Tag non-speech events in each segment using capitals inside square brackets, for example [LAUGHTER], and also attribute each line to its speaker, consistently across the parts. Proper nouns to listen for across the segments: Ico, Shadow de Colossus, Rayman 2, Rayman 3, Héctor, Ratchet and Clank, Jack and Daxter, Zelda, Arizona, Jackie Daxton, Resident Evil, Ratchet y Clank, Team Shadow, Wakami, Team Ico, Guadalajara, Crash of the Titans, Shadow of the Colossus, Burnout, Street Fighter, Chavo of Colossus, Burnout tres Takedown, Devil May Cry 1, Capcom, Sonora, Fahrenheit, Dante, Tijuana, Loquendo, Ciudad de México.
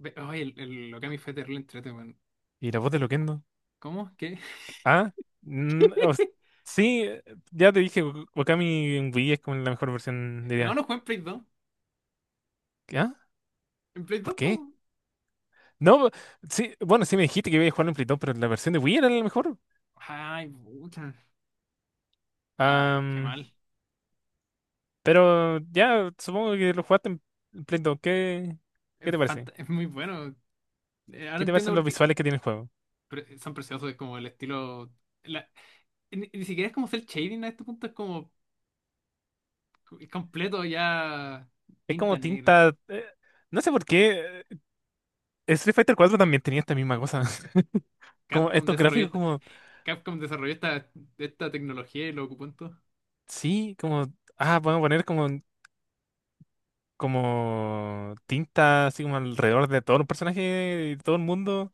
Speaker 1: Ay, el Okami fue terrible entrete, weón.
Speaker 2: ¿Y la voz de Loquendo?
Speaker 1: ¿Cómo? ¿Qué? [LAUGHS]
Speaker 2: Ah, mm, o s- sí, eh, ya te dije, Wakami en Wii es como la mejor versión,
Speaker 1: No, no
Speaker 2: diría.
Speaker 1: jugué en Play 2.
Speaker 2: ¿Qué? ¿Ah?
Speaker 1: ¿En Play
Speaker 2: ¿Por
Speaker 1: 2, po?
Speaker 2: qué? No, sí, bueno, sí me dijiste que iba a jugarlo en Play 2, pero la versión de Wii era la mejor.
Speaker 1: Ay, puta. Ay, qué
Speaker 2: Am,
Speaker 1: mal.
Speaker 2: pero ya, supongo que lo jugaste en Play 2. ¿Qué, qué te parece?
Speaker 1: Es muy bueno. Ahora
Speaker 2: ¿Qué te
Speaker 1: entiendo
Speaker 2: parecen
Speaker 1: por
Speaker 2: los
Speaker 1: qué.
Speaker 2: visuales que tiene el juego?
Speaker 1: Son preciosos, es como el estilo. la- ni siquiera es como cel shading a este punto, es como es completo ya
Speaker 2: Es
Speaker 1: tinta
Speaker 2: como
Speaker 1: negra.
Speaker 2: tinta. No sé por qué. Street Fighter 4 también tenía esta misma cosa. [LAUGHS] Como
Speaker 1: Capcom
Speaker 2: estos
Speaker 1: desarrolló,
Speaker 2: gráficos
Speaker 1: esta-
Speaker 2: como...
Speaker 1: [LAUGHS] Capcom desarrolló esta, esta tecnología y lo ocupó en todo.
Speaker 2: Sí, como... Ah, vamos a poner como como tinta así como alrededor de todos los personajes y todo el mundo.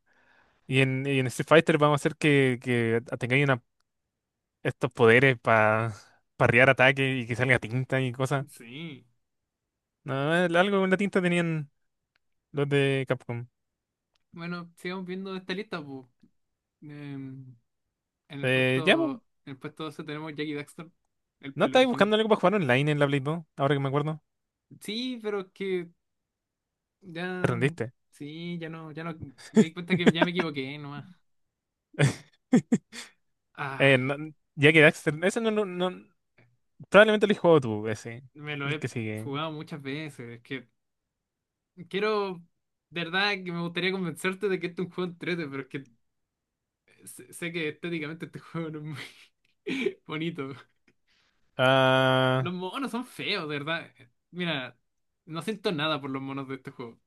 Speaker 2: Y en Street Fighter vamos a hacer que tengáis estos poderes para parrear ataques y que salga tinta y cosas.
Speaker 1: Sí.
Speaker 2: No, algo con la tinta tenían los de Capcom.
Speaker 1: Bueno, sigamos viendo esta lista, pues. En el
Speaker 2: Ya, po.
Speaker 1: puesto, en el puesto 12 tenemos Jackie Daxton, el,
Speaker 2: ¿No
Speaker 1: el
Speaker 2: estáis
Speaker 1: original.
Speaker 2: buscando algo para jugar online en la Play 2? Ahora que me acuerdo.
Speaker 1: Sí, pero es que
Speaker 2: Te
Speaker 1: ya.
Speaker 2: rendiste.
Speaker 1: Sí, ya no. Me di cuenta que ya me equivoqué nomás.
Speaker 2: [LAUGHS] Eh,
Speaker 1: Ay,
Speaker 2: no- ya que Daxter, ese no, no, no- probablemente lo he jugado tú,
Speaker 1: me lo
Speaker 2: el
Speaker 1: he
Speaker 2: que sigue.
Speaker 1: jugado muchas veces. Es que quiero. De verdad que me gustaría convencerte de que este es un juego entrete, pero es que sé que estéticamente este [LAUGHS] juego no es muy [LAUGHS] bonito.
Speaker 2: Ah,
Speaker 1: Los monos son feos, de verdad. Mira, no siento nada por los monos de este juego.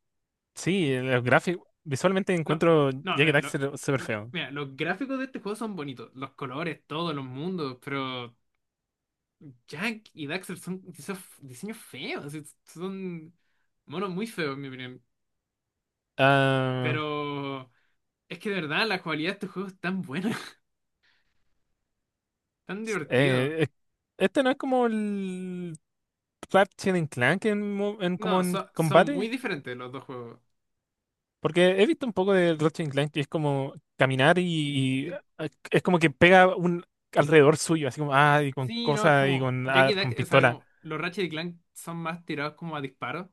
Speaker 2: sí, los gráficos. Visualmente
Speaker 1: No,
Speaker 2: encuentro
Speaker 1: no,
Speaker 2: Jack and
Speaker 1: mira,
Speaker 2: Daxter súper feo.
Speaker 1: mira, los gráficos de este juego son bonitos, los colores, todos los mundos, pero Jack y Daxter son diseños, diseños feos, son monos muy feos, en mi opinión.
Speaker 2: Ah,
Speaker 1: Pero es que de verdad la jugabilidad de este juego es tan buena, [LAUGHS] tan divertido.
Speaker 2: eh, eh, este no es como el Ratchet and Clank en,
Speaker 1: No,
Speaker 2: como en
Speaker 1: son muy
Speaker 2: combate.
Speaker 1: diferentes los dos juegos.
Speaker 2: Porque he visto un poco de Ratchet and Clank que es como caminar y, y,
Speaker 1: Di-
Speaker 2: ah, es como que pega un alrededor suyo, así como, ah, y con
Speaker 1: Sí, no, es
Speaker 2: cosas y
Speaker 1: como
Speaker 2: con,
Speaker 1: Jack
Speaker 2: ah,
Speaker 1: y
Speaker 2: con
Speaker 1: Daxter, o sea,
Speaker 2: pistola.
Speaker 1: como los Ratchet y Clank son más tirados como a disparos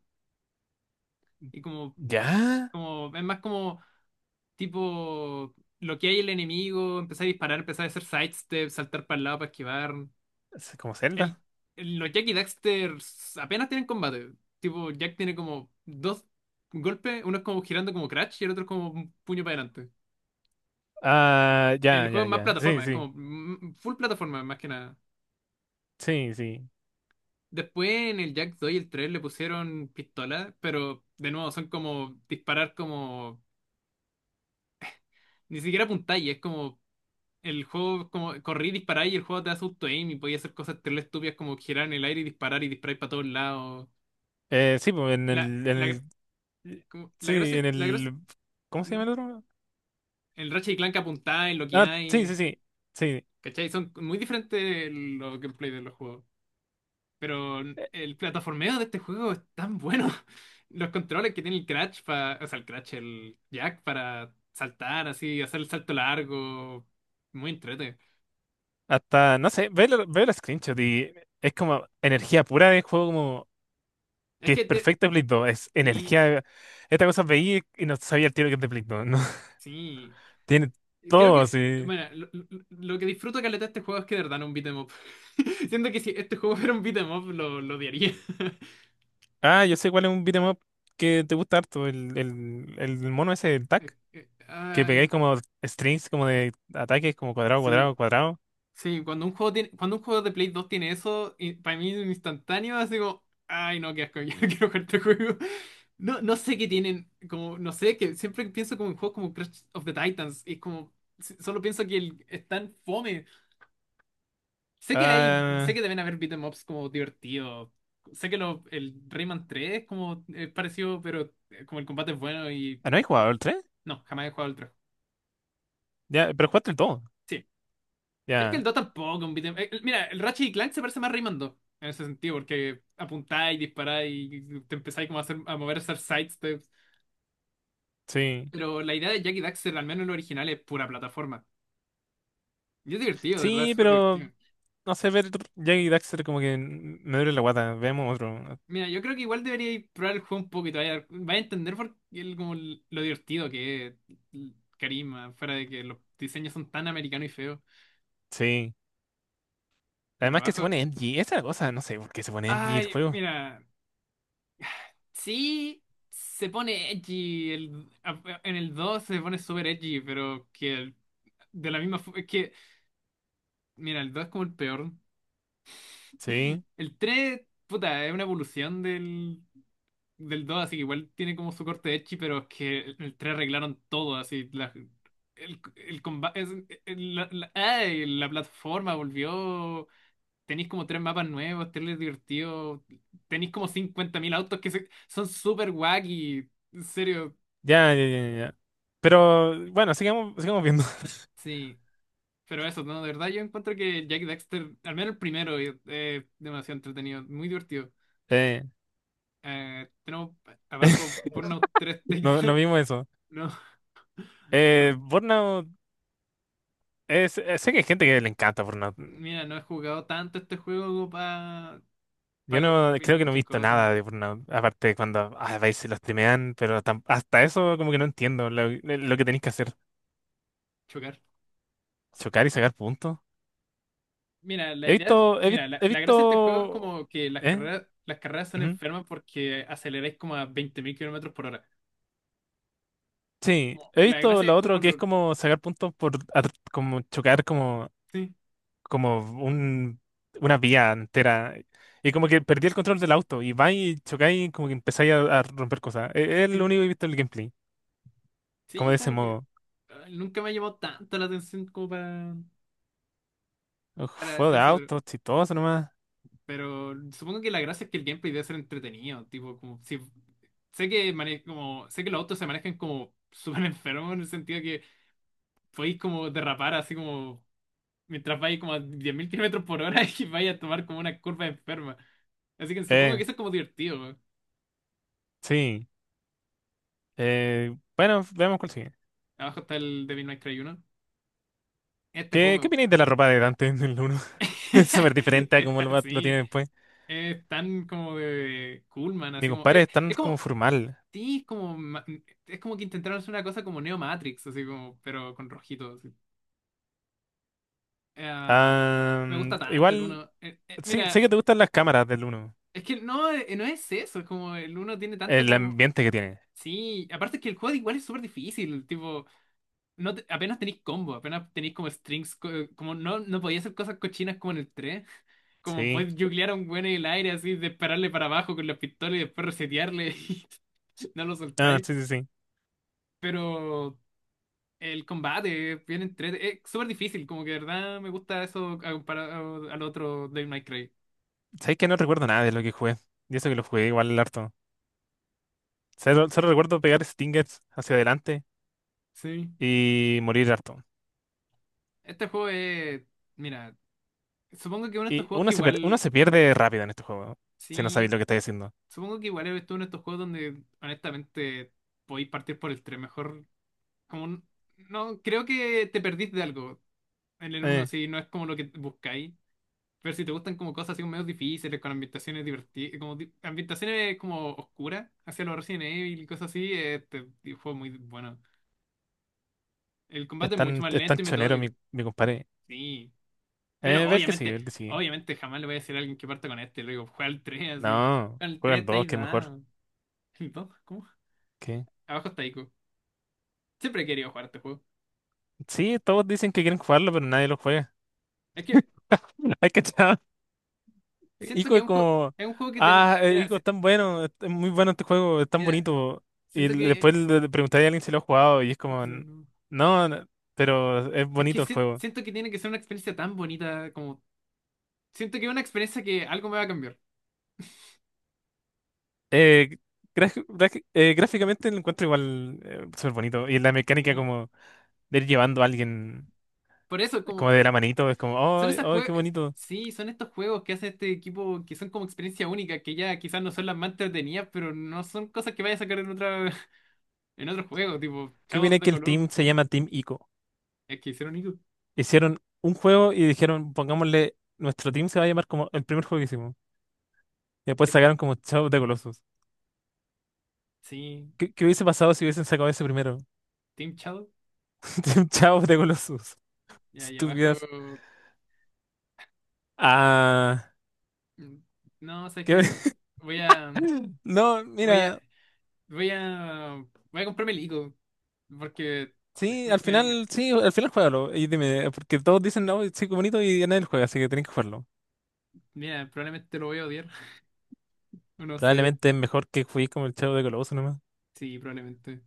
Speaker 1: y
Speaker 2: ¿Ya?
Speaker 1: es más como tipo, lo que hay el enemigo, empezar a disparar, empezar a hacer sidestep, saltar para el lado para esquivar.
Speaker 2: Es como
Speaker 1: El,
Speaker 2: Zelda.
Speaker 1: los Jack y Daxter apenas tienen combate. Tipo, Jack tiene como dos golpes, uno es como girando como Crash y el otro es como un puño para adelante.
Speaker 2: Ah,
Speaker 1: El
Speaker 2: ya,
Speaker 1: juego
Speaker 2: ya,
Speaker 1: es más
Speaker 2: ya. Sí,
Speaker 1: plataforma, es como
Speaker 2: sí,
Speaker 1: full plataforma más que nada.
Speaker 2: sí, sí.
Speaker 1: Después en el Jack 2 y el 3 le pusieron pistola, pero de nuevo son como disparar como… Ni siquiera apuntáis, es como el juego como corrí y dispará y el juego te hace auto aim y podía hacer cosas terrible estúpidas como girar en el aire y disparar para todos lados.
Speaker 2: Eh, sí, pues en
Speaker 1: La,
Speaker 2: el, en
Speaker 1: la,
Speaker 2: el, Eh,
Speaker 1: la
Speaker 2: Sí, en
Speaker 1: gracia, la gracia,
Speaker 2: el... ¿Cómo se llama el otro?
Speaker 1: el Ratchet y Clank apuntáis, lo que
Speaker 2: Ah, sí,
Speaker 1: hay,
Speaker 2: sí, sí, sí.
Speaker 1: ¿cachai? Son muy diferentes los gameplay de los juegos. Pero
Speaker 2: Eh,
Speaker 1: el plataformeo de este juego es tan bueno. [LAUGHS] Los controles que tiene el Crash para, o sea, el Crash, el Jack para saltar así, hacer el salto largo, muy entrete.
Speaker 2: Hasta, no sé, veo los screenshots y es como energía pura de juego como
Speaker 1: Es
Speaker 2: que es
Speaker 1: que te,
Speaker 2: perfecto de Play 2. Es
Speaker 1: sí,
Speaker 2: energía... Esta cosa veía y no sabía el tiro que es de Play 2, ¿no? [LAUGHS]
Speaker 1: sí.
Speaker 2: Tiene
Speaker 1: Creo
Speaker 2: todo
Speaker 1: que,
Speaker 2: así.
Speaker 1: bueno, lo que disfruto caleta de este juego es que de verdad no es un beat 'em up. [LAUGHS] Siento que si este juego fuera un beat 'em up, lo odiaría. [LAUGHS]
Speaker 2: Ah, yo sé cuál es un beat'em up que te gusta harto, el mono ese, el
Speaker 1: Eh,
Speaker 2: tac,
Speaker 1: eh,
Speaker 2: que pegáis
Speaker 1: Ay,
Speaker 2: como strings como de ataques, como cuadrado,
Speaker 1: sí,
Speaker 2: cuadrado, cuadrado.
Speaker 1: sí, cuando un juego tiene, cuando un juego de Play 2 tiene eso, y para mí es instantáneo, así como, ay no, qué asco, [LAUGHS] yo no quiero jugar este juego. No, no sé qué tienen, como, no sé, que siempre pienso como en juegos como Crash of the Titans, y es como, solo pienso que el, es tan fome. Sé que hay, sé
Speaker 2: Ah,
Speaker 1: que deben haber beat'em ups como divertidos. Sé que lo, el Rayman 3 es como es parecido, pero como el combate es bueno y
Speaker 2: ah, ¿no hay jugado el tres?
Speaker 1: no, jamás he jugado el 3.
Speaker 2: Ya, pero jugaste el 2.
Speaker 1: Sí. Es que el
Speaker 2: Ya,
Speaker 1: 2 tampoco, mira, el Ratchet y Clank se parece más a Rayman 2 en ese sentido, porque apuntáis, disparáis y te empezáis como a, hacer, a mover, a hacer side steps.
Speaker 2: sí.
Speaker 1: Pero la idea de Jack y Daxter, al menos en lo original, es pura plataforma. Y es divertido, de verdad, es
Speaker 2: Sí,
Speaker 1: súper
Speaker 2: pero
Speaker 1: divertido.
Speaker 2: no sé, ver Jack y Daxter como que me duele la guata. Veamos otro.
Speaker 1: Mira, yo creo que igual debería probar el juego un poco y te vaya a entender por qué lo divertido que es el carisma, fuera de que los diseños son tan americanos y feos.
Speaker 2: Sí.
Speaker 1: Bueno,
Speaker 2: Además que se
Speaker 1: abajo.
Speaker 2: pone edgy. Esa es la cosa, no sé por qué se pone edgy el
Speaker 1: Ay,
Speaker 2: juego.
Speaker 1: mira, sí se pone edgy, el, en el 2 se pone súper edgy, pero de la misma forma, es que, mira, el 2 es como el peor. [LAUGHS]
Speaker 2: Sí.
Speaker 1: El 3 puta, es una evolución del, del 2 así que igual tiene como su corte edgy, pero es que el 3 arreglaron todo, así, el combate, ¡ay! La plataforma volvió, tenéis como tres mapas nuevos, tenéis divertido, tenéis como 50.000 autos son súper wacky, en serio,
Speaker 2: Ya, ya, ya, ya, ya. Pero bueno, sigamos, sigamos viendo. [LAUGHS]
Speaker 1: sí. Pero eso, no, de verdad yo encuentro que Jack Dexter, al menos el primero, es demasiado entretenido, muy divertido.
Speaker 2: Eh,
Speaker 1: Tenemos
Speaker 2: [LAUGHS]
Speaker 1: abajo Burnout tres
Speaker 2: no, no
Speaker 1: Takedown.
Speaker 2: vimos eso.
Speaker 1: [LAUGHS] No,
Speaker 2: Burnout, sé que hay gente que le encanta Burnout.
Speaker 1: mira, no he jugado tanto este juego para
Speaker 2: Yo no
Speaker 1: opinar
Speaker 2: creo que no he
Speaker 1: muchas
Speaker 2: visto
Speaker 1: cosas,
Speaker 2: nada de Burnout, aparte de cuando a veces lo streamean, pero hasta eso como que no entiendo lo que tenéis que hacer.
Speaker 1: chocar.
Speaker 2: Chocar y sacar puntos.
Speaker 1: Mira, la idea, mira,
Speaker 2: He
Speaker 1: la gracia de este juego es
Speaker 2: visto,
Speaker 1: como que
Speaker 2: ¿eh?
Speaker 1: las carreras son
Speaker 2: Ujú.
Speaker 1: enfermas porque aceleráis como a 20.000 kilómetros por hora.
Speaker 2: Sí, he
Speaker 1: La
Speaker 2: visto
Speaker 1: gracia
Speaker 2: lo
Speaker 1: es como
Speaker 2: otro que es como sacar puntos por, como chocar como,
Speaker 1: sí,
Speaker 2: como un, una vía entera. Y como que perdí el control del auto y va y chocáis y como que empezáis a romper cosas. Es, lo
Speaker 1: sí,
Speaker 2: único que he visto en el gameplay, como
Speaker 1: sí,
Speaker 2: de ese
Speaker 1: como que
Speaker 2: modo.
Speaker 1: ah, nunca me ha llamado tanto la atención como
Speaker 2: Uf,
Speaker 1: para
Speaker 2: juego
Speaker 1: hacer
Speaker 2: de
Speaker 1: eso,
Speaker 2: autos, chistoso nomás.
Speaker 1: pero supongo que la gracia es que el gameplay debe ser entretenido, tipo, como si como sé que los autos se manejan como [LAUGHS] súper enfermos en el sentido podéis como derrapar así como mientras vais como a 10.000 kilómetros por hora [LAUGHS] y vais a tomar como una curva enferma. Así que supongo
Speaker 2: Eh,
Speaker 1: que eso es como divertido, weón.
Speaker 2: sí. Bueno, veamos cuál sigue.
Speaker 1: Abajo está el Devil May Cry 1. Este
Speaker 2: ¿Qué, qué
Speaker 1: juego
Speaker 2: opináis de la ropa de Dante en el 1?
Speaker 1: me…
Speaker 2: [LAUGHS] Es súper
Speaker 1: [LAUGHS]
Speaker 2: diferente a como
Speaker 1: está,
Speaker 2: lo
Speaker 1: sí,
Speaker 2: tiene después.
Speaker 1: es tan como de cool, man,
Speaker 2: Mi
Speaker 1: así como…
Speaker 2: compadre es tan
Speaker 1: Es
Speaker 2: como
Speaker 1: como…
Speaker 2: formal.
Speaker 1: Sí, es como… Es como que intentaron hacer una cosa como Neo Matrix, así como… Pero con rojito, así. Ah,
Speaker 2: Ah,
Speaker 1: me gusta tanto el
Speaker 2: igual,
Speaker 1: uno.
Speaker 2: sí, sé
Speaker 1: Mira,
Speaker 2: que te gustan las cámaras del uno.
Speaker 1: es que no, no es eso, es como el uno tiene tanto
Speaker 2: El
Speaker 1: como…
Speaker 2: ambiente que tiene.
Speaker 1: Sí, aparte que el juego igual es súper difícil, tipo, no te- apenas tenéis combo, apenas tenéis como strings, como no, no podía hacer cosas cochinas como en el 3, como
Speaker 2: Sí.
Speaker 1: podéis juglear a un güey en el aire así, dispararle para abajo con la pistola y después resetearle [LAUGHS] y no lo
Speaker 2: Ah,
Speaker 1: soltáis,
Speaker 2: sí, sí, sí.
Speaker 1: pero el combate es bien entre, es súper difícil, como que de verdad me gusta eso a comparado al otro Devil May Cry.
Speaker 2: Sabes que no recuerdo nada de lo que jugué. Y eso que lo jugué igual harto. Solo recuerdo pegar stingers hacia adelante
Speaker 1: Sí,
Speaker 2: y morir harto.
Speaker 1: este juego es, mira, supongo que uno de estos
Speaker 2: Y
Speaker 1: juegos que
Speaker 2: uno
Speaker 1: igual,
Speaker 2: se pierde rápido en este juego, si no sabéis
Speaker 1: sí.
Speaker 2: lo que estáis haciendo.
Speaker 1: Supongo que igual eres uno de estos juegos donde honestamente podéis partir por el 3 mejor. Como un- no, creo que te perdís de algo en el uno
Speaker 2: Eh,
Speaker 1: si no es como lo que buscáis. Pero si te gustan como cosas así como medio difíciles, con ambientaciones divertidas, ambientaciones como oscuras, hacia los Resident Evil y cosas así, este juego muy bueno. El combate es mucho más
Speaker 2: es tan
Speaker 1: lento y
Speaker 2: chonero mi,
Speaker 1: metódico.
Speaker 2: mi compadre.
Speaker 1: Sí. Pero
Speaker 2: Ve el que sigue, ve
Speaker 1: obviamente,
Speaker 2: el que sigue.
Speaker 1: obviamente jamás le voy a decir a alguien que parta con este. Le digo, juega al 3 así.
Speaker 2: No,
Speaker 1: Con el
Speaker 2: juega
Speaker 1: 3
Speaker 2: el 2,
Speaker 1: estáis
Speaker 2: que es mejor.
Speaker 1: dado. [LAUGHS] ¿No? ¿Cómo?
Speaker 2: ¿Qué?
Speaker 1: Abajo está Ico. Siempre he querido jugar este juego.
Speaker 2: Sí, todos dicen que quieren jugarlo, pero nadie lo juega.
Speaker 1: Es que
Speaker 2: [LAUGHS] Hay que...
Speaker 1: siento
Speaker 2: Ico
Speaker 1: que
Speaker 2: es como,
Speaker 1: es un juego que tenía.
Speaker 2: ah,
Speaker 1: Mira,
Speaker 2: Ico es tan bueno, es muy bueno este juego, es tan
Speaker 1: mira,
Speaker 2: bonito. Y
Speaker 1: siento
Speaker 2: después
Speaker 1: que.
Speaker 2: le preguntaría a alguien si lo ha jugado y es como, "N- no, no, pero es
Speaker 1: Es que
Speaker 2: bonito el juego".
Speaker 1: siento que tiene que ser una experiencia tan bonita como. Siento que es una experiencia que algo me va a cambiar.
Speaker 2: Eh, gráficamente lo encuentro igual súper bonito. Y la mecánica
Speaker 1: Sí.
Speaker 2: como de ir llevando a alguien
Speaker 1: Por eso, como.
Speaker 2: como de la manito, es como, oh,
Speaker 1: Son esas
Speaker 2: oh,
Speaker 1: juegos.
Speaker 2: qué bonito.
Speaker 1: Sí, son estos juegos que hace este equipo que son como experiencia única, que ya quizás no son las más entretenidas, pero no son cosas que vaya a sacar en otra, [LAUGHS] en otro juego, tipo
Speaker 2: Qué
Speaker 1: Shadow
Speaker 2: viene
Speaker 1: de
Speaker 2: que el
Speaker 1: Colossus,
Speaker 2: team se
Speaker 1: como…
Speaker 2: llama Team Ico.
Speaker 1: Es que hicieron eso.
Speaker 2: Hicieron un juego y dijeron, pongámosle, nuestro team se va a llamar como el primer juego que hicimos. Y después
Speaker 1: Es-
Speaker 2: sacaron como Shadow de the Colossus.
Speaker 1: Sí,
Speaker 2: ¿Qué, qué hubiese pasado si hubiesen sacado ese primero?
Speaker 1: Team Shadow.
Speaker 2: [LAUGHS] Chao de Colossus.
Speaker 1: Y ahí
Speaker 2: Estúpidas.
Speaker 1: abajo.
Speaker 2: Ah,
Speaker 1: Mm, No, sabes
Speaker 2: ¿qué?
Speaker 1: que
Speaker 2: [LAUGHS]
Speaker 1: voy a,
Speaker 2: No,
Speaker 1: voy a,
Speaker 2: mira,
Speaker 1: voy a, voy a comprarme el Ico, porque, me- me-
Speaker 2: sí, al final juégalo. Y dime, porque todos dicen, no, sí, qué bonito y nadie lo juega, así que tenés que jugarlo.
Speaker 1: mira, probablemente lo voy a odiar, [LAUGHS] no sé,
Speaker 2: Probablemente es mejor que juguéis como el Chavo de Colossus nomás.
Speaker 1: sí, probablemente.